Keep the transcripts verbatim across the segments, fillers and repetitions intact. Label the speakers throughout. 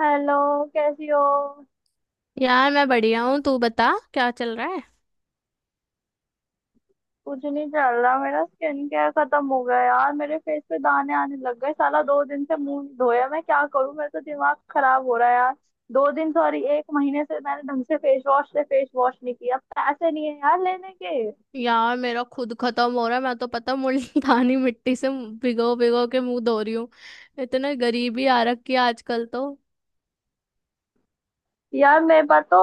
Speaker 1: Hello. कैसी हो?
Speaker 2: यार मैं बढ़िया हूँ। तू बता क्या चल रहा है।
Speaker 1: कुछ नहीं चल रहा, मेरा स्किन केयर खत्म हो गया यार, मेरे फेस पे दाने आने लग गए, साला दो दिन से मुंह नहीं धोया, मैं क्या करूं, मेरा तो दिमाग खराब हो रहा है यार। दो दिन, सॉरी, एक महीने से मैंने ढंग से फेस वॉश से फेस वॉश नहीं किया, पैसे नहीं है यार लेने के।
Speaker 2: यार मेरा खुद खत्म हो रहा है। मैं तो पता मुल्तानी मिट्टी से भिगो भिगो के मुंह धो रही हूँ। इतने गरीबी आ रखी है आजकल तो।
Speaker 1: यार मेरे पास तो,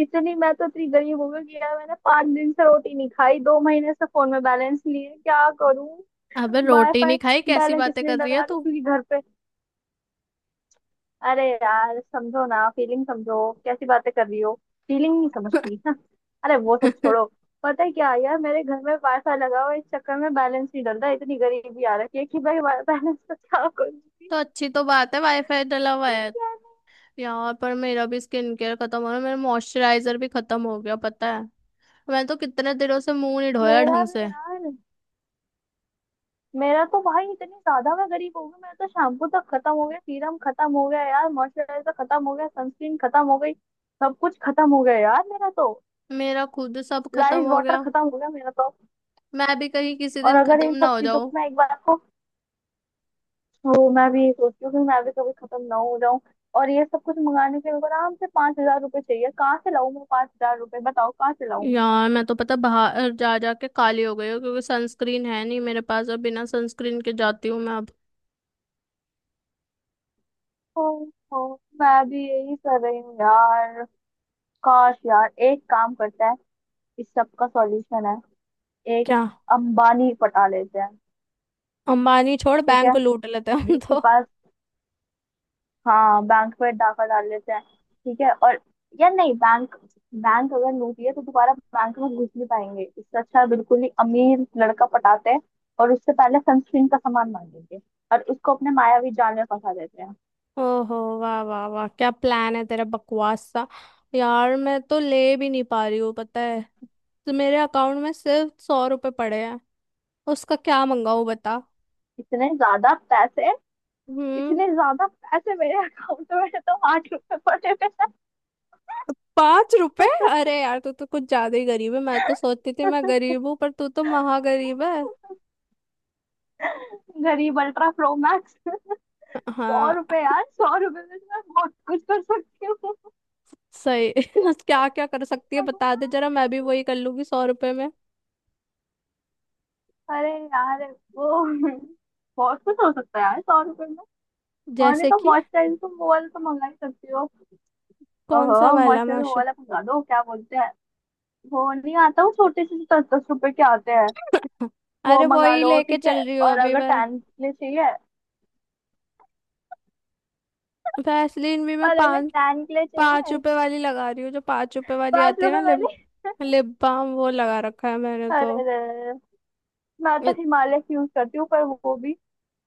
Speaker 1: इतनी मैं तो इतनी गरीब हो गई कि यार मैंने पाँच दिन से रोटी नहीं खाई, दो महीने से फोन में बैलेंस लिए, क्या करूं।
Speaker 2: अबे रोटी
Speaker 1: वाईफाई
Speaker 2: नहीं खाई कैसी
Speaker 1: बैलेंस
Speaker 2: बातें
Speaker 1: इसलिए
Speaker 2: कर रही है
Speaker 1: लगा रही हूँ
Speaker 2: तू।
Speaker 1: क्योंकि घर पे, अरे यार समझो ना, फीलिंग समझो, कैसी बातें कर रही हो, फीलिंग नहीं समझती हाँ। अरे वो सब
Speaker 2: तो
Speaker 1: छोड़ो। पता है क्या यार, मेरे घर में वाईफाई लगा हुआ है, इस चक्कर में बैलेंस नहीं डल रहा है, इतनी गरीबी आ रखी है कि भाई बैलेंस तो क्या करूंगी।
Speaker 2: अच्छी तो बात है वाईफाई डला हुआ है। यार पर मेरा भी स्किन केयर खत्म हो रहा है। मेरा मॉइस्चराइजर भी खत्म हो गया पता है। मैं तो कितने दिनों से मुंह नहीं धोया
Speaker 1: मेरा
Speaker 2: ढंग
Speaker 1: भी
Speaker 2: से।
Speaker 1: यार, मेरा तो भाई इतनी ज्यादा मैं गरीब हो गई, मेरा तो शैम्पू तक खत्म हो गया, सीरम खत्म हो गया यार, मॉइस्चराइजर खत्म हो गया, सनस्क्रीन खत्म हो गई, सब कुछ खत्म हो गया यार मेरा तो।
Speaker 2: मेरा खुद सब खत्म
Speaker 1: राइस
Speaker 2: हो
Speaker 1: वाटर
Speaker 2: गया।
Speaker 1: खत्म हो गया मेरा तो।
Speaker 2: मैं भी कहीं किसी
Speaker 1: और
Speaker 2: दिन
Speaker 1: अगर इन
Speaker 2: खत्म ना
Speaker 1: सब
Speaker 2: हो
Speaker 1: चीजों
Speaker 2: जाऊं।
Speaker 1: को मैं एक बार को, वो मैं भी ये सोचती हूँ कि मैं भी कभी खत्म ना हो जाऊं। और ये सब कुछ मंगाने के लिए मेरे को आराम से पाँच हज़ार रुपये चाहिए, कहाँ से लाऊं मैं पाँच हज़ार रुपये, बताओ कहाँ से लाऊं।
Speaker 2: यार मैं तो पता बाहर जा जा के काली हो गई हूँ क्योंकि सनस्क्रीन है नहीं मेरे पास। अब बिना सनस्क्रीन के जाती हूँ मैं अब।
Speaker 1: ओ, ओ, मैं भी यही कर रही हूँ यार। काश, यार एक काम करते हैं, इस सब का सॉल्यूशन है। एक
Speaker 2: क्या?
Speaker 1: अंबानी पटा लेते हैं।
Speaker 2: अंबानी छोड़
Speaker 1: ठीक
Speaker 2: बैंक
Speaker 1: है,
Speaker 2: को लूट लेते हैं हम
Speaker 1: जिसके
Speaker 2: तो।
Speaker 1: पास, हाँ बैंक पे डाका डाल लेते हैं। ठीक है, और या नहीं, बैंक, बैंक अगर लूट लिया तो दोबारा बैंक में घुस नहीं पाएंगे, इससे अच्छा है बिल्कुल ही अमीर लड़का पटाते हैं। और उससे पहले सनस्क्रीन का सामान मांगेंगे, और उसको अपने मायावी जाल में फंसा देते हैं।
Speaker 2: ओहो वाह वाह वाह क्या प्लान है तेरा बकवास सा। यार मैं तो ले भी नहीं पा रही हूँ पता है। तो मेरे अकाउंट में सिर्फ सौ रुपए पड़े हैं। उसका क्या मंगाऊँ बता।
Speaker 1: इतने ज्यादा पैसे
Speaker 2: हम्म।
Speaker 1: इतने ज्यादा पैसे मेरे अकाउंट में तो आठ रुपए पड़े हुए हैं।
Speaker 2: पांच रुपए। अरे यार तू तो कुछ ज्यादा ही गरीब है। मैं तो सोचती थी मैं गरीब हूँ पर तू तो महागरीब है।
Speaker 1: गरीब अल्ट्रा प्रो मैक्स। सौ
Speaker 2: हाँ।
Speaker 1: रुपए यार, सौ रुपए में तो मैं बहुत कुछ कर सकती
Speaker 2: सही। क्या क्या कर सकती है
Speaker 1: हूँ।
Speaker 2: बता दे जरा। मैं भी वही कर लूंगी सौ रुपए में।
Speaker 1: अरे यार वो, बहुत कुछ हो सकता है यार सौ रुपए में। और नहीं
Speaker 2: जैसे
Speaker 1: तो
Speaker 2: कि?
Speaker 1: मॉइस्चराइजर तुम वो वाला तो मंगा ही सकती हो।
Speaker 2: कौन
Speaker 1: ओहो,
Speaker 2: सा वाला
Speaker 1: मॉइस्चराइजर वो
Speaker 2: मास्टर?
Speaker 1: वाला मंगा दो, क्या बोलते हैं, वो नहीं आता, वो छोटे से दस दस रुपए के आते हैं, वो
Speaker 2: अरे
Speaker 1: मंगा
Speaker 2: वही
Speaker 1: लो,
Speaker 2: लेके
Speaker 1: ठीक है।
Speaker 2: चल रही हूँ
Speaker 1: और
Speaker 2: अभी
Speaker 1: अगर
Speaker 2: मैं।
Speaker 1: टैन के लिए चाहिए
Speaker 2: वैसलीन भी मैं
Speaker 1: और अगर
Speaker 2: पाँच
Speaker 1: टैन के लिए
Speaker 2: पाँच
Speaker 1: चाहिए
Speaker 2: रुपए वाली लगा रही हूँ। जो पाँच रुपए वाली
Speaker 1: पाँच
Speaker 2: आती है ना
Speaker 1: रुपए
Speaker 2: लिप
Speaker 1: वाली।
Speaker 2: लिप बाम वो लगा रखा है मैंने तो।
Speaker 1: अरे रे, मैं तो
Speaker 2: इत-
Speaker 1: हिमालय की यूज करती हूँ, पर वो भी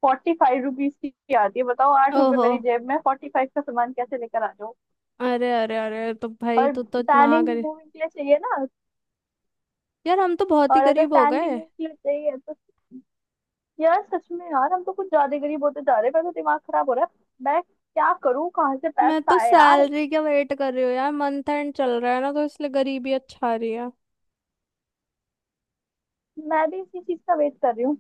Speaker 1: फोर्टी फाइव रुपीज की आती है, बताओ आठ रुपए
Speaker 2: ओहो।
Speaker 1: मेरी जेब में, फोर्टी फाइव का सामान कैसे लेकर आ जाऊँ।
Speaker 2: अरे अरे अरे तो भाई
Speaker 1: और
Speaker 2: तू तो
Speaker 1: टैनिंग
Speaker 2: महागरीब।
Speaker 1: रिमूविंग के लिए चाहिए ना,
Speaker 2: यार हम तो बहुत ही
Speaker 1: और अगर
Speaker 2: गरीब हो
Speaker 1: टैन
Speaker 2: गए।
Speaker 1: रिमूव के लिए चाहिए तो, यार सच में यार हम तो कुछ ज्यादा गरीब होते जा रहे हैं, मेरा तो दिमाग खराब हो रहा है, मैं क्या करूँ, कहाँ से
Speaker 2: मैं
Speaker 1: पैसा
Speaker 2: तो
Speaker 1: आए यार।
Speaker 2: सैलरी का वेट कर रही हूँ यार। मंथ एंड चल रहा है ना तो इसलिए गरीबी अच्छा रही है।
Speaker 1: मैं भी इसी चीज का वेट कर रही हूँ।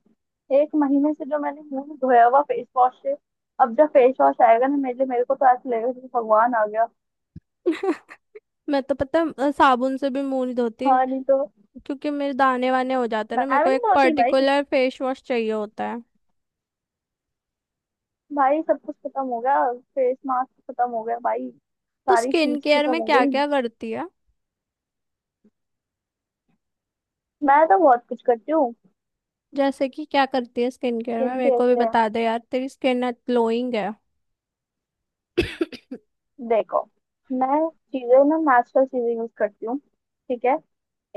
Speaker 1: एक महीने से जो मैंने मुंह धोया हुआ फेस वॉश से, अब जब फेस वॉश आएगा ना मेरे लिए, मेरे को तो ऐसा लगेगा जैसे भगवान आ गया।
Speaker 2: मैं तो पता है, अ, साबुन से भी मुंह नहीं धोती
Speaker 1: हाँ नहीं तो,
Speaker 2: क्योंकि मेरे दाने वाने हो जाते हैं
Speaker 1: मैं
Speaker 2: ना। मेरे
Speaker 1: भी
Speaker 2: को
Speaker 1: नहीं
Speaker 2: एक
Speaker 1: धोती भाई।
Speaker 2: पर्टिकुलर फेस वॉश चाहिए होता है।
Speaker 1: भाई सब कुछ खत्म हो गया, फेस मास्क खत्म हो गया भाई,
Speaker 2: तो
Speaker 1: सारी
Speaker 2: स्किन
Speaker 1: शीट्स
Speaker 2: केयर
Speaker 1: खत्म
Speaker 2: में
Speaker 1: हो
Speaker 2: क्या
Speaker 1: गई।
Speaker 2: क्या करती है?
Speaker 1: मैं तो बहुत कुछ करती हूँ।
Speaker 2: जैसे कि क्या करती है स्किन केयर में?
Speaker 1: स्किन
Speaker 2: मेरे
Speaker 1: केयर
Speaker 2: को भी
Speaker 1: के लिए
Speaker 2: बता दे यार तेरी स्किन ग्लोइंग है।
Speaker 1: देखो, मैं चीजें ना, नेचुरल चीजें यूज करती हूँ। ठीक है,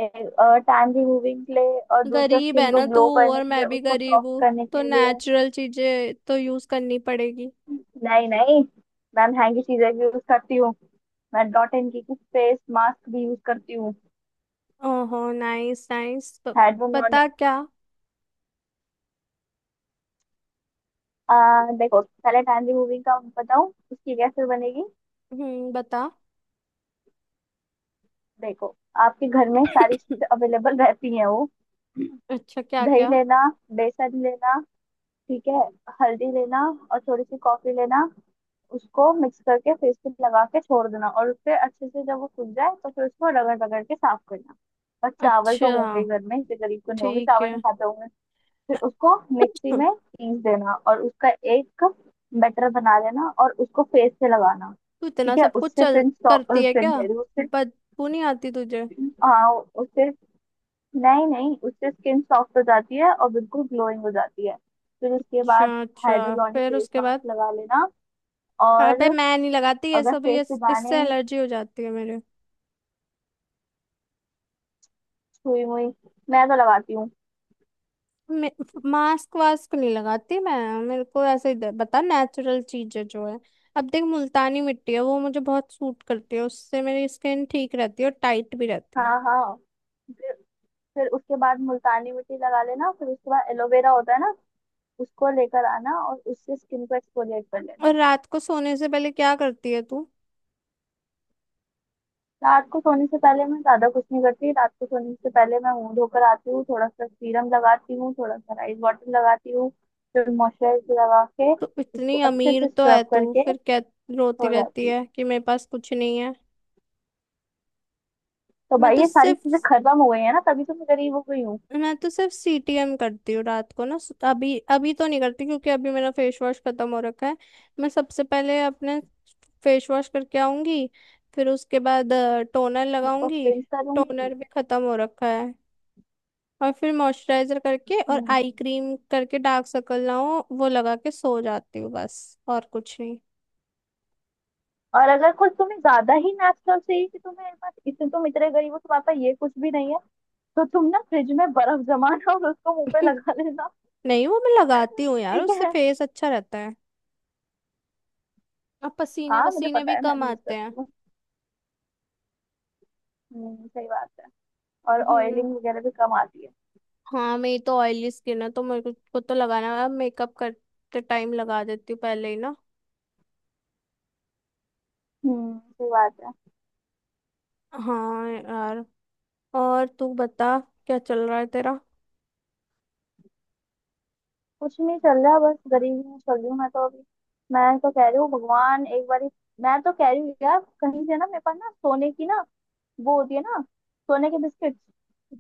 Speaker 1: एक टैन रिमूविंग के लिए और दूसरा
Speaker 2: गरीब
Speaker 1: स्किन
Speaker 2: है
Speaker 1: को
Speaker 2: ना तू।
Speaker 1: ग्लो करने
Speaker 2: और
Speaker 1: के लिए,
Speaker 2: मैं भी
Speaker 1: उसको
Speaker 2: गरीब
Speaker 1: सॉफ्ट
Speaker 2: हूँ
Speaker 1: करने
Speaker 2: तो
Speaker 1: के लिए।
Speaker 2: नेचुरल चीजें तो यूज करनी पड़ेगी।
Speaker 1: नहीं नहीं, मैं महंगी चीजें भी यूज करती हूँ, मैं Dot and Key face mask भी यूज करती हूँ।
Speaker 2: ओहो नाइस नाइस।
Speaker 1: हैंड नॉन।
Speaker 2: पता क्या।
Speaker 1: आ, देखो पहले टैन रिमूविंग का बताऊँ उसकी कैसे बनेगी।
Speaker 2: हम्म बता।
Speaker 1: देखो, आपके घर में सारी चीजें अवेलेबल रहती हैं वो।
Speaker 2: अच्छा क्या
Speaker 1: दही
Speaker 2: क्या।
Speaker 1: लेना, बेसन लेना, ठीक है, हल्दी लेना, और थोड़ी सी कॉफी लेना, उसको मिक्स करके फेस पे लगा के छोड़ देना, और फिर अच्छे से जब वो सूख जाए तो फिर उसको रगड़ रगड़ के साफ करना। और चावल तो होंगे
Speaker 2: अच्छा
Speaker 1: ही घर में, इतने गरीब तो नहीं होंगे
Speaker 2: ठीक
Speaker 1: चावल
Speaker 2: है।
Speaker 1: नहीं खाते होंगे। फिर उसको मिक्सी में पीस देना और उसका एक बैटर बना लेना और उसको फेस पे लगाना।
Speaker 2: तू इतना
Speaker 1: ठीक है,
Speaker 2: सब कुछ
Speaker 1: उससे
Speaker 2: चल
Speaker 1: फिर
Speaker 2: करती है
Speaker 1: फिर
Speaker 2: क्या?
Speaker 1: कह रही हूँ उससे,
Speaker 2: बदबू नहीं आती तुझे?
Speaker 1: हाँ उससे, नहीं नहीं उससे स्किन सॉफ्ट हो जाती है और बिल्कुल ग्लोइंग हो जाती है। फिर उसके बाद
Speaker 2: अच्छा अच्छा
Speaker 1: हाइड्रोलॉनिक
Speaker 2: फिर
Speaker 1: फेस
Speaker 2: उसके बाद?
Speaker 1: मास्क लगा लेना। और
Speaker 2: अबे मैं नहीं लगाती ये
Speaker 1: अगर
Speaker 2: सब
Speaker 1: फेस
Speaker 2: ये।
Speaker 1: पे दाने,
Speaker 2: इससे एलर्जी हो जाती है मेरे।
Speaker 1: सुई मुई, मैं तो लगाती हूँ।
Speaker 2: मे, मास्क वास्क नहीं लगाती मैं। मेरे को ऐसे ही दे- बता नेचुरल चीजें जो है। अब देख मुल्तानी मिट्टी है वो मुझे बहुत सूट करती है। उससे मेरी स्किन ठीक रहती है और टाइट भी रहती है।
Speaker 1: हाँ हाँ, फिर फिर उसके बाद मुल्तानी मिट्टी लगा लेना, फिर उसके बाद एलोवेरा होता है ना, उसको लेकर आना और उससे स्किन को एक्सफोलिएट कर
Speaker 2: और
Speaker 1: लेना।
Speaker 2: रात को सोने से पहले क्या करती है तू?
Speaker 1: रात को सोने से पहले मैं ज्यादा कुछ नहीं करती, रात को सोने से पहले मैं मुंह धोकर आती हूँ, थोड़ा सा सीरम लगाती हूँ, थोड़ा सा राइस वाटर लगाती हूँ, फिर मॉइस्चराइजर लगा के,
Speaker 2: तो
Speaker 1: उसको
Speaker 2: इतनी
Speaker 1: अच्छे
Speaker 2: अमीर
Speaker 1: से
Speaker 2: तो है
Speaker 1: स्क्रब
Speaker 2: तू
Speaker 1: करके
Speaker 2: फिर क्या रोती
Speaker 1: हो
Speaker 2: रहती
Speaker 1: जाती हूँ।
Speaker 2: है कि मेरे पास कुछ नहीं है?
Speaker 1: तो
Speaker 2: मैं
Speaker 1: भाई
Speaker 2: तो
Speaker 1: ये सारी चीजें
Speaker 2: सिर्फ
Speaker 1: खत्म हो गई है ना, तभी तो मैं गरीब हो गई हूँ।
Speaker 2: मैं तो सिर्फ सी टी एम करती हूँ रात को ना। सु- अभी अभी तो नहीं करती क्योंकि अभी मेरा फेस वॉश खत्म हो रखा है। मैं सबसे पहले अपने फेस वॉश करके आऊंगी। फिर उसके बाद टोनर
Speaker 1: उसको
Speaker 2: लगाऊंगी।
Speaker 1: क्लेंस करूंगी।
Speaker 2: टोनर भी खत्म हो रखा है। और फिर मॉइस्चराइजर करके और
Speaker 1: हम्म।
Speaker 2: आई क्रीम करके डार्क सर्कल ना हो वो लगा के सो जाती हूँ बस। और कुछ नहीं।
Speaker 1: और अगर कुछ तुम्हें ज्यादा ही नेचुरल चाहिए, कि तुम्हें बस इससे, तुम इतने गरीब हो, तुम्हारे पास ये कुछ भी नहीं है, तो तुम ना फ्रिज में बर्फ जमाना, और उसको मुंह पे लगा लेना।
Speaker 2: नहीं वो मैं लगाती हूँ यार
Speaker 1: ठीक
Speaker 2: उससे
Speaker 1: है,
Speaker 2: फेस अच्छा रहता है। और पसीने
Speaker 1: हाँ मुझे
Speaker 2: वसीने
Speaker 1: पता
Speaker 2: भी
Speaker 1: है, मैं
Speaker 2: कम
Speaker 1: भी यूज
Speaker 2: आते हैं।
Speaker 1: करती हूँ। हम्म, सही बात है। और
Speaker 2: हम्म।
Speaker 1: ऑयलिंग वगैरह भी कम आती है।
Speaker 2: हाँ मेरी तो ऑयली स्किन है तो मेरे को को तो लगाना है। मेकअप करते टाइम लगा देती हूँ पहले ही ना।
Speaker 1: हम्म, सही बात है।
Speaker 2: हाँ यार। और तू बता क्या चल रहा है तेरा।
Speaker 1: कुछ नहीं चल रहा, बस गरीबी में चल रही हूँ मैं तो अभी। मैं तो कह रही हूँ भगवान एक बार, मैं तो कह रही हूँ यार, कहीं से ना मेरे पास ना सोने की ना, वो होती है ना, सोने के बिस्किट,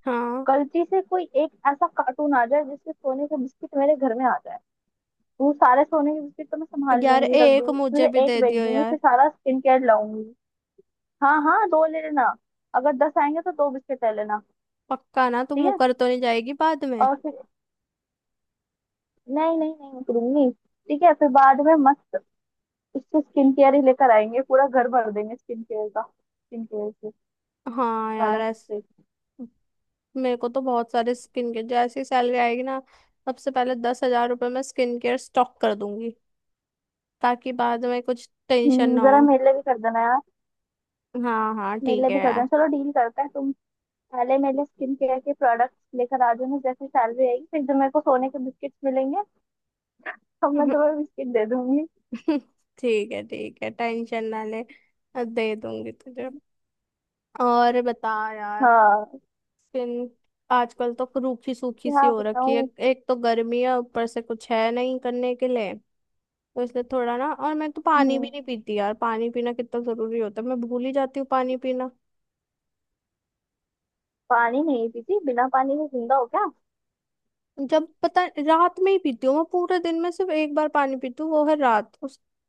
Speaker 2: हाँ
Speaker 1: गलती से कोई एक ऐसा कार्टून आ जाए जिससे सोने के बिस्किट मेरे घर में आ जाए, तो वो सारे सोने के बिस्किट तो मैं संभाल
Speaker 2: यार
Speaker 1: लूंगी, रख
Speaker 2: एक
Speaker 1: दूंगी, उसमें
Speaker 2: मुझे भी
Speaker 1: से एक
Speaker 2: दे
Speaker 1: बेच
Speaker 2: दियो
Speaker 1: दूंगी
Speaker 2: यार।
Speaker 1: फिर सारा स्किन केयर लाऊंगी। हाँ हाँ, दो ले लेना, अगर दस आएंगे तो दो बिस्किट ले लेना।
Speaker 2: पक्का ना तू
Speaker 1: ठीक है,
Speaker 2: मुकर तो नहीं जाएगी बाद में?
Speaker 1: और फिर, नहीं नहीं नहीं करूंगी, ठीक है, फिर बाद में मस्त उससे स्किन केयर ही लेकर आएंगे, पूरा घर भर देंगे स्किन केयर का, स्किन केयर से
Speaker 2: हाँ यार
Speaker 1: प्रोडक्ट
Speaker 2: ऐस।
Speaker 1: से।
Speaker 2: मेरे को तो बहुत सारे स्किन केयर जैसी सैलरी आएगी ना। सबसे पहले दस हजार रुपये मैं स्किन केयर स्टॉक कर दूंगी ताकि बाद में कुछ टेंशन
Speaker 1: हम्म,
Speaker 2: ना
Speaker 1: जरा
Speaker 2: हो।
Speaker 1: मेरे लिए भी कर देना यार,
Speaker 2: हाँ हाँ
Speaker 1: मेरे
Speaker 2: ठीक
Speaker 1: लिए
Speaker 2: है
Speaker 1: भी कर
Speaker 2: यार।
Speaker 1: देना, चलो डील करते हैं तुम पहले मेरे स्किन केयर के प्रोडक्ट्स लेकर आ जाना जैसे सैलरी आएगी, फिर जब मेरे को सोने के बिस्किट्स मिलेंगे तो मैं तुम्हें बिस्किट दे दूंगी।
Speaker 2: ठीक है ठीक है टेंशन ना ले। दे दूंगी तुझे। और बता यार
Speaker 1: हाँ,
Speaker 2: स्किन आजकल तो रूखी सूखी सी
Speaker 1: क्या
Speaker 2: हो रखी है।
Speaker 1: बताऊँ।
Speaker 2: एक तो गर्मी है ऊपर से कुछ है नहीं करने के लिए। तो इसलिए थोड़ा ना। और मैं तो पानी भी नहीं
Speaker 1: हम्म,
Speaker 2: पीती यार। पानी पीना कितना जरूरी होता है मैं भूल ही जाती हूँ पानी पीना।
Speaker 1: पानी नहीं पीती? बिना पानी के जिंदा हो क्या?
Speaker 2: जब पता रात में ही पीती हूँ। मैं पूरे दिन में सिर्फ एक बार पानी पीती हूँ वो है रात। उसके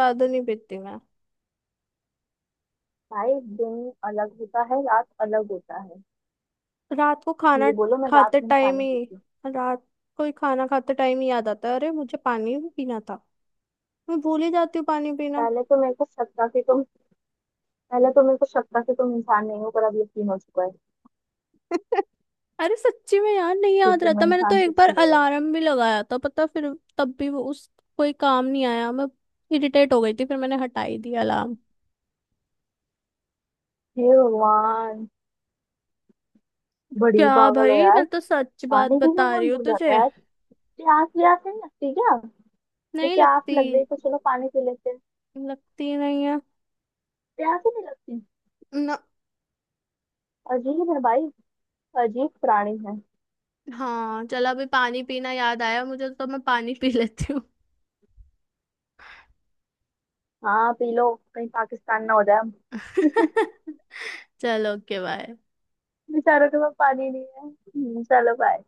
Speaker 2: बाद नहीं पीती।
Speaker 1: भाई दिन अलग होता है, रात अलग होता है,
Speaker 2: रात को खाना
Speaker 1: ये बोलो मैं
Speaker 2: खाते
Speaker 1: रात में
Speaker 2: टाइम
Speaker 1: पानी
Speaker 2: ही
Speaker 1: पीती हूँ।
Speaker 2: रात को ही खाना खाते टाइम ही याद आता है अरे मुझे पानी भी पीना था। मैं भूल ही जाती हूँ पानी पीना।
Speaker 1: पहले तो मेरे को शक था कि तुम, पहले तो मेरे को शक था कि तुम इंसान नहीं हो, पर अब यकीन हो चुका है
Speaker 2: अरे सच्ची में यार नहीं
Speaker 1: कि
Speaker 2: याद
Speaker 1: तुम
Speaker 2: रहता। मैंने तो
Speaker 1: इंसान
Speaker 2: एक
Speaker 1: कुछ
Speaker 2: बार
Speaker 1: ही नहीं हो।
Speaker 2: अलार्म भी लगाया था पता फिर तब भी वो उस कोई काम नहीं आया। मैं इरिटेट हो गई थी फिर मैंने हटा ही दिया अलार्म।
Speaker 1: हे भगवान, बड़ी
Speaker 2: क्या
Speaker 1: पागल हो
Speaker 2: भाई
Speaker 1: यार।
Speaker 2: मैं तो सच बात
Speaker 1: पानी पीना
Speaker 2: बता रही
Speaker 1: कौन
Speaker 2: हूँ
Speaker 1: भूल जाता
Speaker 2: तुझे।
Speaker 1: है यार। प्यास व्यास नहीं लगती क्या? ये
Speaker 2: नहीं
Speaker 1: प्यास
Speaker 2: लगती।
Speaker 1: लग गई तो चलो पानी पी लेते हैं।
Speaker 2: लगती नहीं है।
Speaker 1: प्यास ही नहीं लगती?
Speaker 2: ना।
Speaker 1: अजीब है भाई, अजीब प्राणी है।
Speaker 2: हाँ चल अभी पानी पीना याद आया मुझे तो मैं पानी पी लेती हूँ।
Speaker 1: हाँ पी लो, कहीं पाकिस्तान ना हो जाए हम।
Speaker 2: चलो ओके बाय।
Speaker 1: बेचारों के पास पानी नहीं है। हम्म, चलो बाय।